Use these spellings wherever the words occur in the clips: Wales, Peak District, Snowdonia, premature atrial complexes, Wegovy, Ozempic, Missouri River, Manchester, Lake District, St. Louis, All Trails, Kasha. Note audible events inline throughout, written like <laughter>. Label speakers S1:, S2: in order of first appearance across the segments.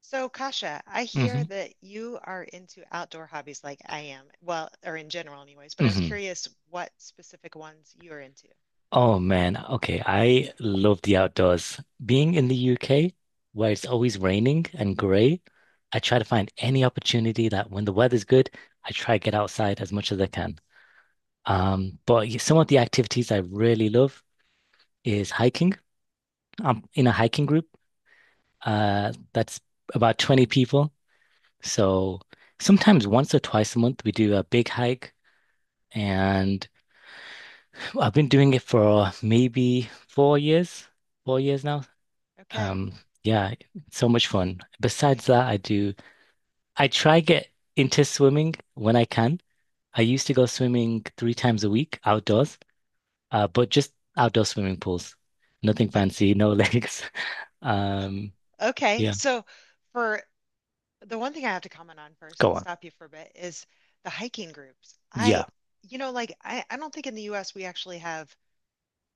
S1: So, Kasha, I hear
S2: Hmm.
S1: that you are into outdoor hobbies like I am. Well, or in general, anyways, but I was
S2: Hmm.
S1: curious what specific ones you're into.
S2: Oh man, okay. I love the outdoors. Being in the UK, where it's always raining and grey, I try to find any opportunity that when the weather's good, I try to get outside as much as I can. But some of the activities I really love is hiking. I'm in a hiking group, that's about 20 people. So sometimes once or twice a month we do a big hike, and I've been doing it for maybe four years now.
S1: Okay.
S2: Um, yeah, so much fun. Besides that, I try get into swimming when I can. I used to go swimming three times a week outdoors, but just outdoor swimming pools. Nothing
S1: O-
S2: fancy, no <laughs> legs. Um,
S1: uh, Okay.
S2: yeah,
S1: So, for the one thing I have to comment on first
S2: go
S1: and
S2: on.
S1: stop you for a bit is the hiking groups. I,
S2: Yeah.
S1: you know, like I don't think in the US we actually have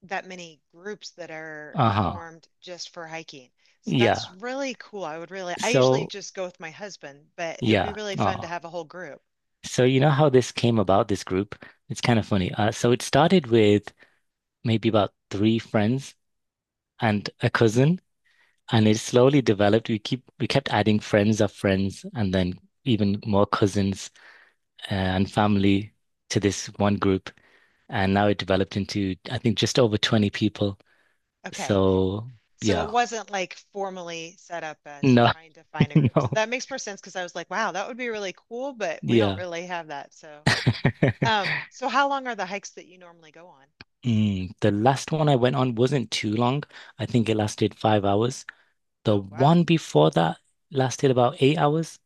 S1: that many groups that are
S2: Uh-huh.
S1: formed just for hiking. So that's
S2: Yeah.
S1: really cool. I would really, I usually
S2: So,
S1: just go with my husband, but it would be
S2: yeah.
S1: really fun to
S2: Oh.
S1: have a whole group.
S2: So you know how this came about, this group? It's kind of funny. So it started with maybe about three friends and a cousin. And it slowly developed. We kept adding friends of friends and then even more cousins and family to this one group. And now it developed into, I think, just over 20 people.
S1: Okay.
S2: So
S1: So it
S2: yeah.
S1: wasn't like formally set up as
S2: No,
S1: trying to find
S2: <laughs>
S1: a group. So
S2: no.
S1: that makes more sense because I was like, wow, that would be really cool, but we don't
S2: Yeah.
S1: really have that. So, so how long are the hikes that you normally go on?
S2: The last one I went on wasn't too long. I think it lasted 5 hours. The
S1: Oh, wow.
S2: one before that lasted about 8 hours.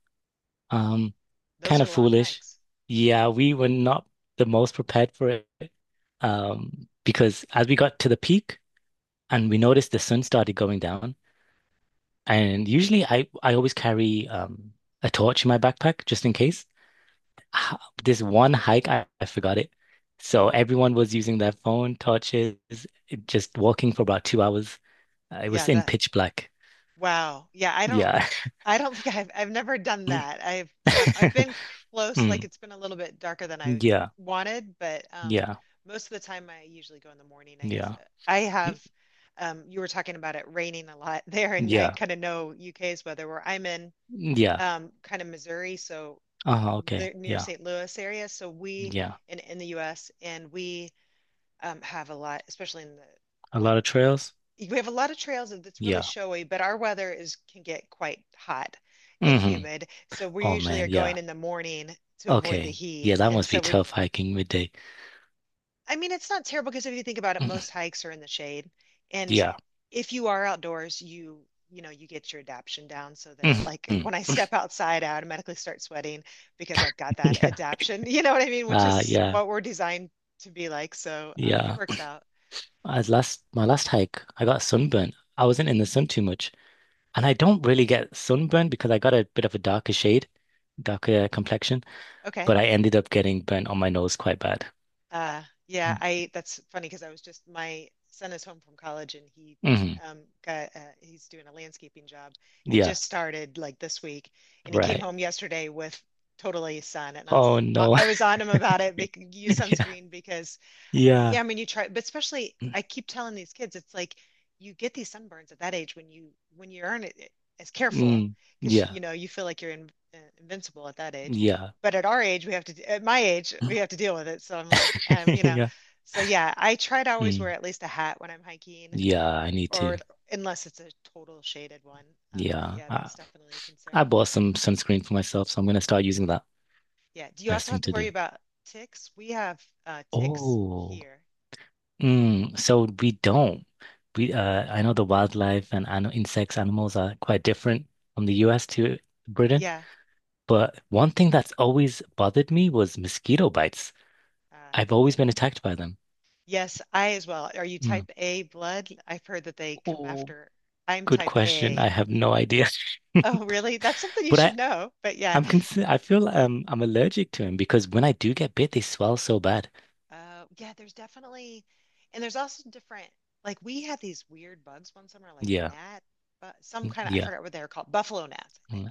S2: Um,
S1: Those
S2: Kind
S1: are
S2: of
S1: long
S2: foolish.
S1: hikes.
S2: Yeah, we were not the most prepared for it. Because as we got to the peak and we noticed the sun started going down, and usually I always carry a torch in my backpack just in case. H- This one hike, I forgot it. So
S1: Oh,
S2: everyone was using their phone, torches, just walking for about 2 hours. It was
S1: yeah,
S2: in
S1: that.
S2: pitch black.
S1: Wow. Yeah.
S2: Yeah.
S1: I don't think I've never done
S2: <laughs>
S1: that. I've been close, like
S2: Mm.
S1: it's been a little bit darker than I
S2: Yeah.
S1: wanted, but
S2: Yeah.
S1: most of the time I usually go in the morning, I guess.
S2: Yeah.
S1: I have
S2: Y-
S1: you were talking about it raining a lot <laughs> there and I
S2: Yeah.
S1: kind of know UK's weather where I'm in
S2: Yeah.
S1: kind of Missouri, so
S2: Uh-huh, okay.
S1: the near
S2: Yeah.
S1: St. Louis area, so we
S2: Yeah.
S1: in the US and we have a lot, especially in the
S2: A lot of
S1: one
S2: trails.
S1: we have a lot of trails and it's really
S2: Yeah.
S1: showy, but our weather is can get quite hot and
S2: Hmm.
S1: humid. So we
S2: Oh
S1: usually are
S2: man.
S1: going
S2: Yeah.
S1: in the morning to avoid the
S2: Okay.
S1: heat.
S2: Yeah, that
S1: And
S2: must be tough hiking midday.
S1: I mean, it's not terrible because if you think about it,
S2: Mm,
S1: most hikes are in the shade. And
S2: yeah.
S1: if you are outdoors, you know, you get your adaption down so that like
S2: Mhm.
S1: when I
S2: <laughs>
S1: step outside, I automatically start sweating because I've got that
S2: Yeah.
S1: adaption, <laughs> you know what I mean? Which is
S2: Yeah.
S1: what we're designed to be like. So it
S2: Yeah.
S1: works out.
S2: As last My last hike, I got sunburnt. I wasn't in the sun too much. And I don't really get sunburned because I got a bit of a darker shade, darker complexion, but
S1: Okay.
S2: I ended up getting burnt on my nose quite bad.
S1: Yeah,
S2: Mm.
S1: I that's funny because I was just my son is home from college and he
S2: Mm-hmm.
S1: um got he's doing a landscaping job and he
S2: Yeah,
S1: just started like this week and he came
S2: right.
S1: home yesterday with totally sun and I
S2: Oh
S1: was I
S2: no.
S1: I was on him about it bec use
S2: <laughs> Yeah.
S1: sunscreen because yeah,
S2: Yeah.
S1: I mean, you try, but especially I keep telling these kids, it's like you get these sunburns at that age when you aren't as careful
S2: Mm,
S1: because
S2: yeah.
S1: you know you feel like you're in, invincible at that age.
S2: Yeah.
S1: But at our age, we have to, at my age, we have
S2: <laughs>
S1: to deal with it. So I'm like, you know,
S2: Yeah.
S1: so yeah, I try to always wear
S2: Mm.
S1: at least a hat when I'm hiking,
S2: Yeah, I need
S1: or
S2: to.
S1: unless it's a total shaded one. But
S2: Yeah.
S1: yeah,
S2: I,
S1: that's definitely a
S2: I
S1: concern.
S2: bought some sunscreen for myself, so I'm gonna start using that.
S1: Yeah. Do you
S2: Best
S1: also have
S2: thing
S1: to
S2: to do.
S1: worry about ticks? We have ticks
S2: Oh,
S1: here.
S2: so we don't. We I know the wildlife and ano insects, animals are quite different from the US to Britain.
S1: Yeah.
S2: But one thing that's always bothered me was mosquito bites.
S1: Uh,
S2: I've
S1: yeah.
S2: always been attacked by them.
S1: Yes, I as well. Are you
S2: Mm.
S1: type A blood? I've heard that they come
S2: Oh,
S1: after. I'm
S2: good
S1: type
S2: question.
S1: A.
S2: I have no idea. <laughs>
S1: Oh, really? That's something you
S2: But
S1: should
S2: I,
S1: know. But yeah.
S2: I'm concerned. I'm allergic to them because when I do get bit, they swell so bad.
S1: Yeah, there's definitely, and there's also different. Like we had these weird bugs one summer, like
S2: Yeah.
S1: gnat, but some
S2: Mm,
S1: kind of I
S2: yeah.
S1: forgot what they were called, buffalo gnats, I think.
S2: Mm,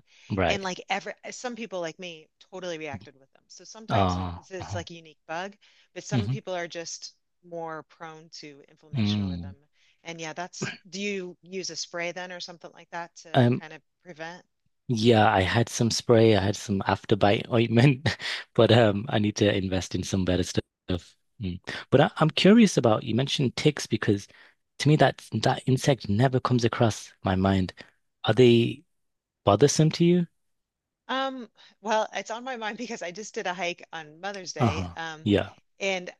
S1: And
S2: right.
S1: like every some people like me totally reacted with them. So sometimes it's
S2: Uh-huh.
S1: like a unique bug, but some
S2: Hmm.
S1: people are just more prone to inflammation with
S2: Mm.
S1: them. And yeah, that's do you use a spray then or something like that to
S2: Um,
S1: kind of prevent?
S2: yeah, I had some spray, I had some afterbite ointment, <laughs> but I need to invest in some better stuff. Mm. But I'm curious about you mentioned ticks because to me that insect never comes across my mind. Are they bothersome to you?
S1: Um, well, it's on my mind <laughs> because I just did a hike on Mother's Day.
S2: Uh-huh. Yeah.
S1: And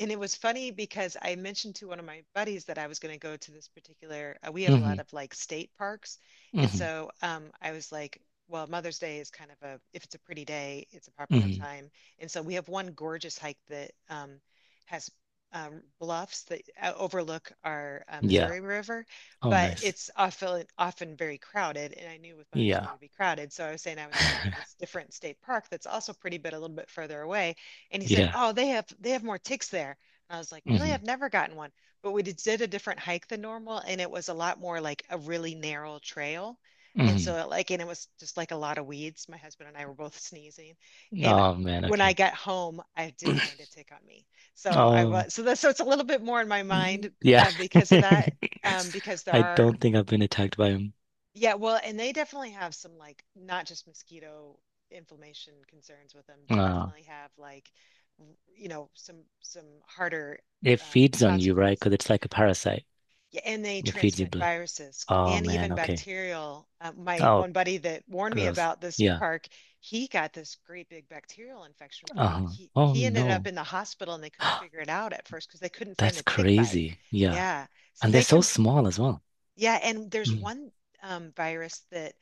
S1: and it was funny because I mentioned to one of my buddies that I was going to go to this particular, we have a lot
S2: Hmm.
S1: of like state parks. And
S2: Hmm.
S1: I was like, well, Mother's Day is kind of a, if it's a pretty day, it's a popular
S2: Hmm.
S1: time. And so we have one gorgeous hike that has bluffs that overlook our
S2: Yeah.
S1: Missouri River,
S2: Oh,
S1: but
S2: nice.
S1: it's often very crowded. And I knew with Mother's Day
S2: Yeah.
S1: to be crowded. So I was saying I was going to go to this
S2: <laughs>
S1: different state park that's also pretty, but a little bit further away and he said,
S2: Yeah.
S1: "Oh, they have more ticks there." And I was like, "Really? I've
S2: Hmm.
S1: never gotten one." But we did a different hike than normal, and it was a lot more like a really narrow trail. And so
S2: Hmm.
S1: it, like, and it was just like a lot of weeds. My husband and I were both sneezing, and
S2: Oh man.
S1: when I
S2: Okay.
S1: got home, I did find a tick on me. So I
S2: Oh.
S1: was so that so it's a little bit more in my mind
S2: Yeah.
S1: because of that,
S2: <laughs>
S1: because there
S2: I
S1: are
S2: don't think I've been attacked by him.
S1: yeah, well, and they definitely have some like not just mosquito inflammation concerns with them. They
S2: Uh,
S1: definitely have like r- you know some harder
S2: it feeds on you, right?
S1: consequence.
S2: Because it's like a parasite.
S1: Yeah, and they
S2: It feeds you
S1: transmit
S2: blood.
S1: viruses
S2: Oh
S1: and
S2: man,
S1: even
S2: okay.
S1: bacterial. My
S2: Oh,
S1: one buddy that warned me
S2: gross.
S1: about this
S2: Yeah.
S1: park, he got this great big bacterial infection from one.
S2: Uh-huh.
S1: He
S2: Oh
S1: he ended up
S2: no.
S1: in the hospital and they couldn't
S2: <gasps>
S1: figure it out at first because they couldn't find
S2: That's
S1: the tick bite.
S2: crazy. Yeah.
S1: Yeah, so
S2: And they're
S1: they
S2: so
S1: can.
S2: small as well.
S1: Yeah, and there's
S2: Mm.
S1: one virus that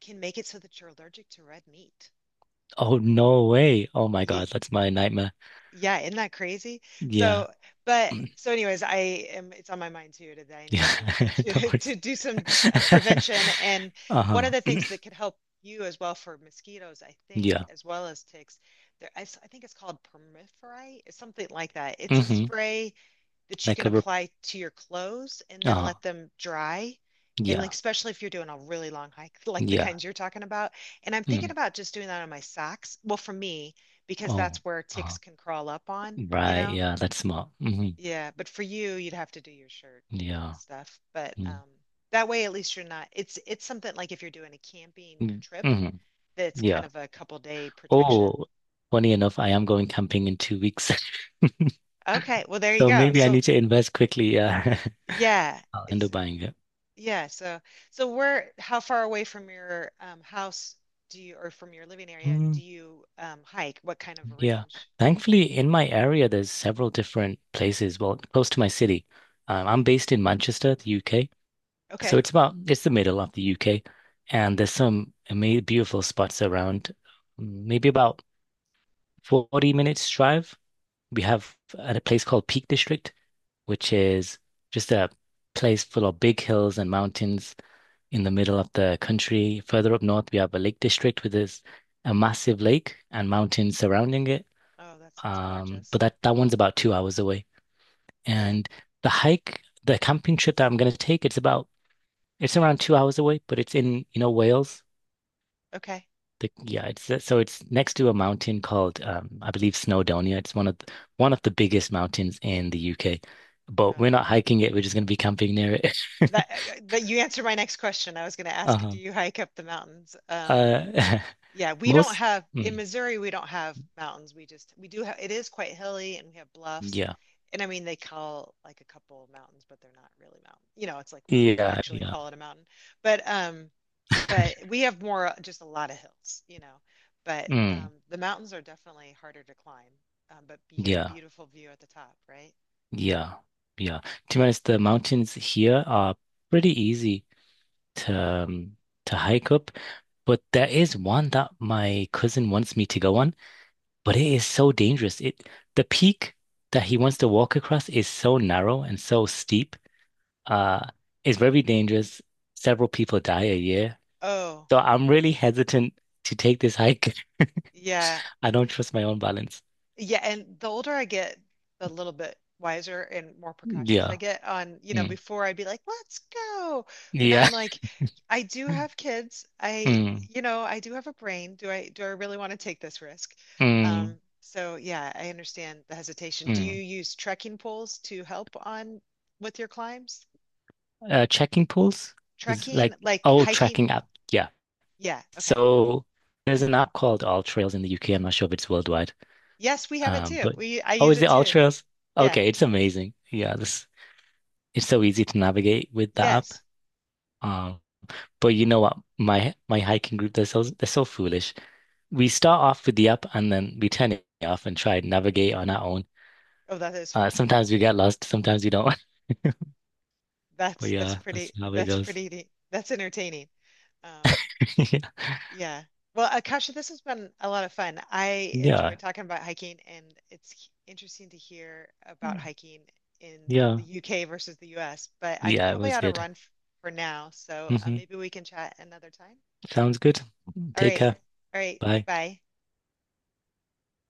S1: can make it so that you're allergic to red meat.
S2: Oh no way. Oh my
S1: Yeah,
S2: God, that's my nightmare.
S1: yeah, isn't that crazy?
S2: Yeah.
S1: So, but
S2: Mm.
S1: so anyways, I am it's on my mind too that I need
S2: Yeah. <laughs> No
S1: to <laughs>
S2: worries.
S1: to do some
S2: <laughs>
S1: prevention and one of
S2: Uh-huh.
S1: the things that could help you as well for mosquitoes, I think,
S2: Yeah.
S1: as well as ticks, I think it's called permiferi, it's something like that. It's a
S2: Mm-hmm.
S1: spray that you
S2: Like
S1: can
S2: a rep-
S1: apply to your clothes and then
S2: uh-huh.
S1: let them dry. And like,
S2: Yeah.
S1: especially if you're doing a really long hike, <laughs> like the
S2: Yeah.
S1: kinds you're talking about. And I'm thinking
S2: Mm.
S1: about just doing that on my socks. Well, for me, because
S2: Oh,
S1: that's where ticks
S2: uh,
S1: can crawl up on, you
S2: right.
S1: know?
S2: Yeah, that's smart. Hmm.
S1: Yeah. But for you, you'd have to do your shirt
S2: Yeah.
S1: stuff. But that way, at least you're not, it's something like if you're doing a camping
S2: Mm-hmm.
S1: trip,
S2: Hmm.
S1: that's kind
S2: Yeah.
S1: of a couple day protection.
S2: Oh, funny enough, I am going camping in 2 weeks. <laughs>
S1: Okay. Well, there you
S2: So
S1: go.
S2: maybe I
S1: So
S2: need to invest quickly. Yeah.
S1: yeah,
S2: <laughs> I'll end up
S1: it's,
S2: buying it.
S1: Yeah, so so where how far away from your house do you or from your living area
S2: Mm,
S1: do you hike? What kind of
S2: yeah.
S1: range?
S2: Thankfully, in my area, there's several different places. Well, close to my city. I'm based in Manchester, the UK. So
S1: Okay.
S2: it's the middle of the UK. And there's some amazing, beautiful spots around. Maybe about 40 minutes drive. We have at a place called Peak District, which is just a place full of big hills and mountains in the middle of the country. Further up north, we have a lake district with this a massive lake and mountains surrounding it.
S1: Oh, that sounds gorgeous.
S2: But that one's about 2 hours away.
S1: Yeah.
S2: And the camping trip that I'm going to take, it's around 2 hours away, but it's in Wales.
S1: Okay.
S2: Yeah, it's so it's next to a mountain called I believe Snowdonia. It's one of the biggest mountains in the UK, but
S1: Oh.
S2: we're not hiking it. We're just going to be camping near it. <laughs>
S1: That, that you answered my next question. I was going to ask,
S2: Uh-huh.
S1: do you hike up the mountains?
S2: Uh,
S1: Yeah,
S2: <laughs>
S1: we don't
S2: most
S1: have in
S2: mm,
S1: Missouri, we don't have mountains. We do have it is quite hilly and we have bluffs.
S2: yeah,
S1: And I mean they call like a couple of mountains, but they're not really mountains. You know, it's like when do you
S2: yeah,
S1: actually
S2: yeah,
S1: call it a mountain? But um but we have more just a lot of hills, you know. But
S2: mm,
S1: the mountains are definitely harder to climb. But you get a
S2: yeah,
S1: beautiful view at the top, right?
S2: yeah, yeah. To be honest, the mountains here are pretty easy to um, to hike up, but there is one that my cousin wants me to go on. But it is so dangerous. It The peak that he wants to walk across is so narrow and so steep. Uh, it's very dangerous. Several people die a year.
S1: Oh,
S2: So I'm really hesitant to take this hike.
S1: yeah.
S2: <laughs> I don't trust my own balance.
S1: Yeah, and the older I get, the little bit wiser and more precautious I
S2: Yeah.
S1: get on, you know,
S2: Mm.
S1: before I'd be like, let's go. But now
S2: Yeah.
S1: I'm
S2: <laughs>
S1: like, I do have kids. I,
S2: Mm.
S1: you know, I do have a brain. Do I really want to take this risk?
S2: Mm.
S1: So yeah, I understand the hesitation. Do
S2: Mm.
S1: you use trekking poles to help on with your climbs?
S2: Checking pools is
S1: Trekking,
S2: like,
S1: like
S2: oh,
S1: hiking?
S2: tracking app. Yeah.
S1: Yeah, okay.
S2: So there's an app called All Trails in the UK. I'm not sure if it's worldwide.
S1: Yes, we have it too.
S2: But
S1: We I
S2: oh,
S1: use
S2: is
S1: it
S2: it All
S1: too.
S2: Trails?
S1: Yeah.
S2: Okay, it's amazing. Yeah, this it's so easy to navigate with that app.
S1: Yes.
S2: Um, but you know what? My hiking group, they're so foolish. We start off with the app and then we turn it off and try and navigate on our own.
S1: Oh, that is funny.
S2: Sometimes we get lost, sometimes we don't. <laughs> But
S1: That's that's
S2: yeah, that's
S1: pretty
S2: how it
S1: that's
S2: goes.
S1: pretty That's entertaining. Um,
S2: <laughs>
S1: yeah. Well, Akasha, this has been a lot of fun. I enjoy
S2: Yeah.
S1: talking about hiking, and it's interesting to hear about hiking in
S2: Yeah.
S1: the UK versus the US, but I
S2: Yeah, it
S1: probably
S2: was
S1: ought to
S2: good.
S1: run f for now, so
S2: Hmm.
S1: maybe we can chat another time.
S2: Sounds good.
S1: All
S2: Take
S1: right.
S2: care.
S1: All right.
S2: Bye.
S1: Bye.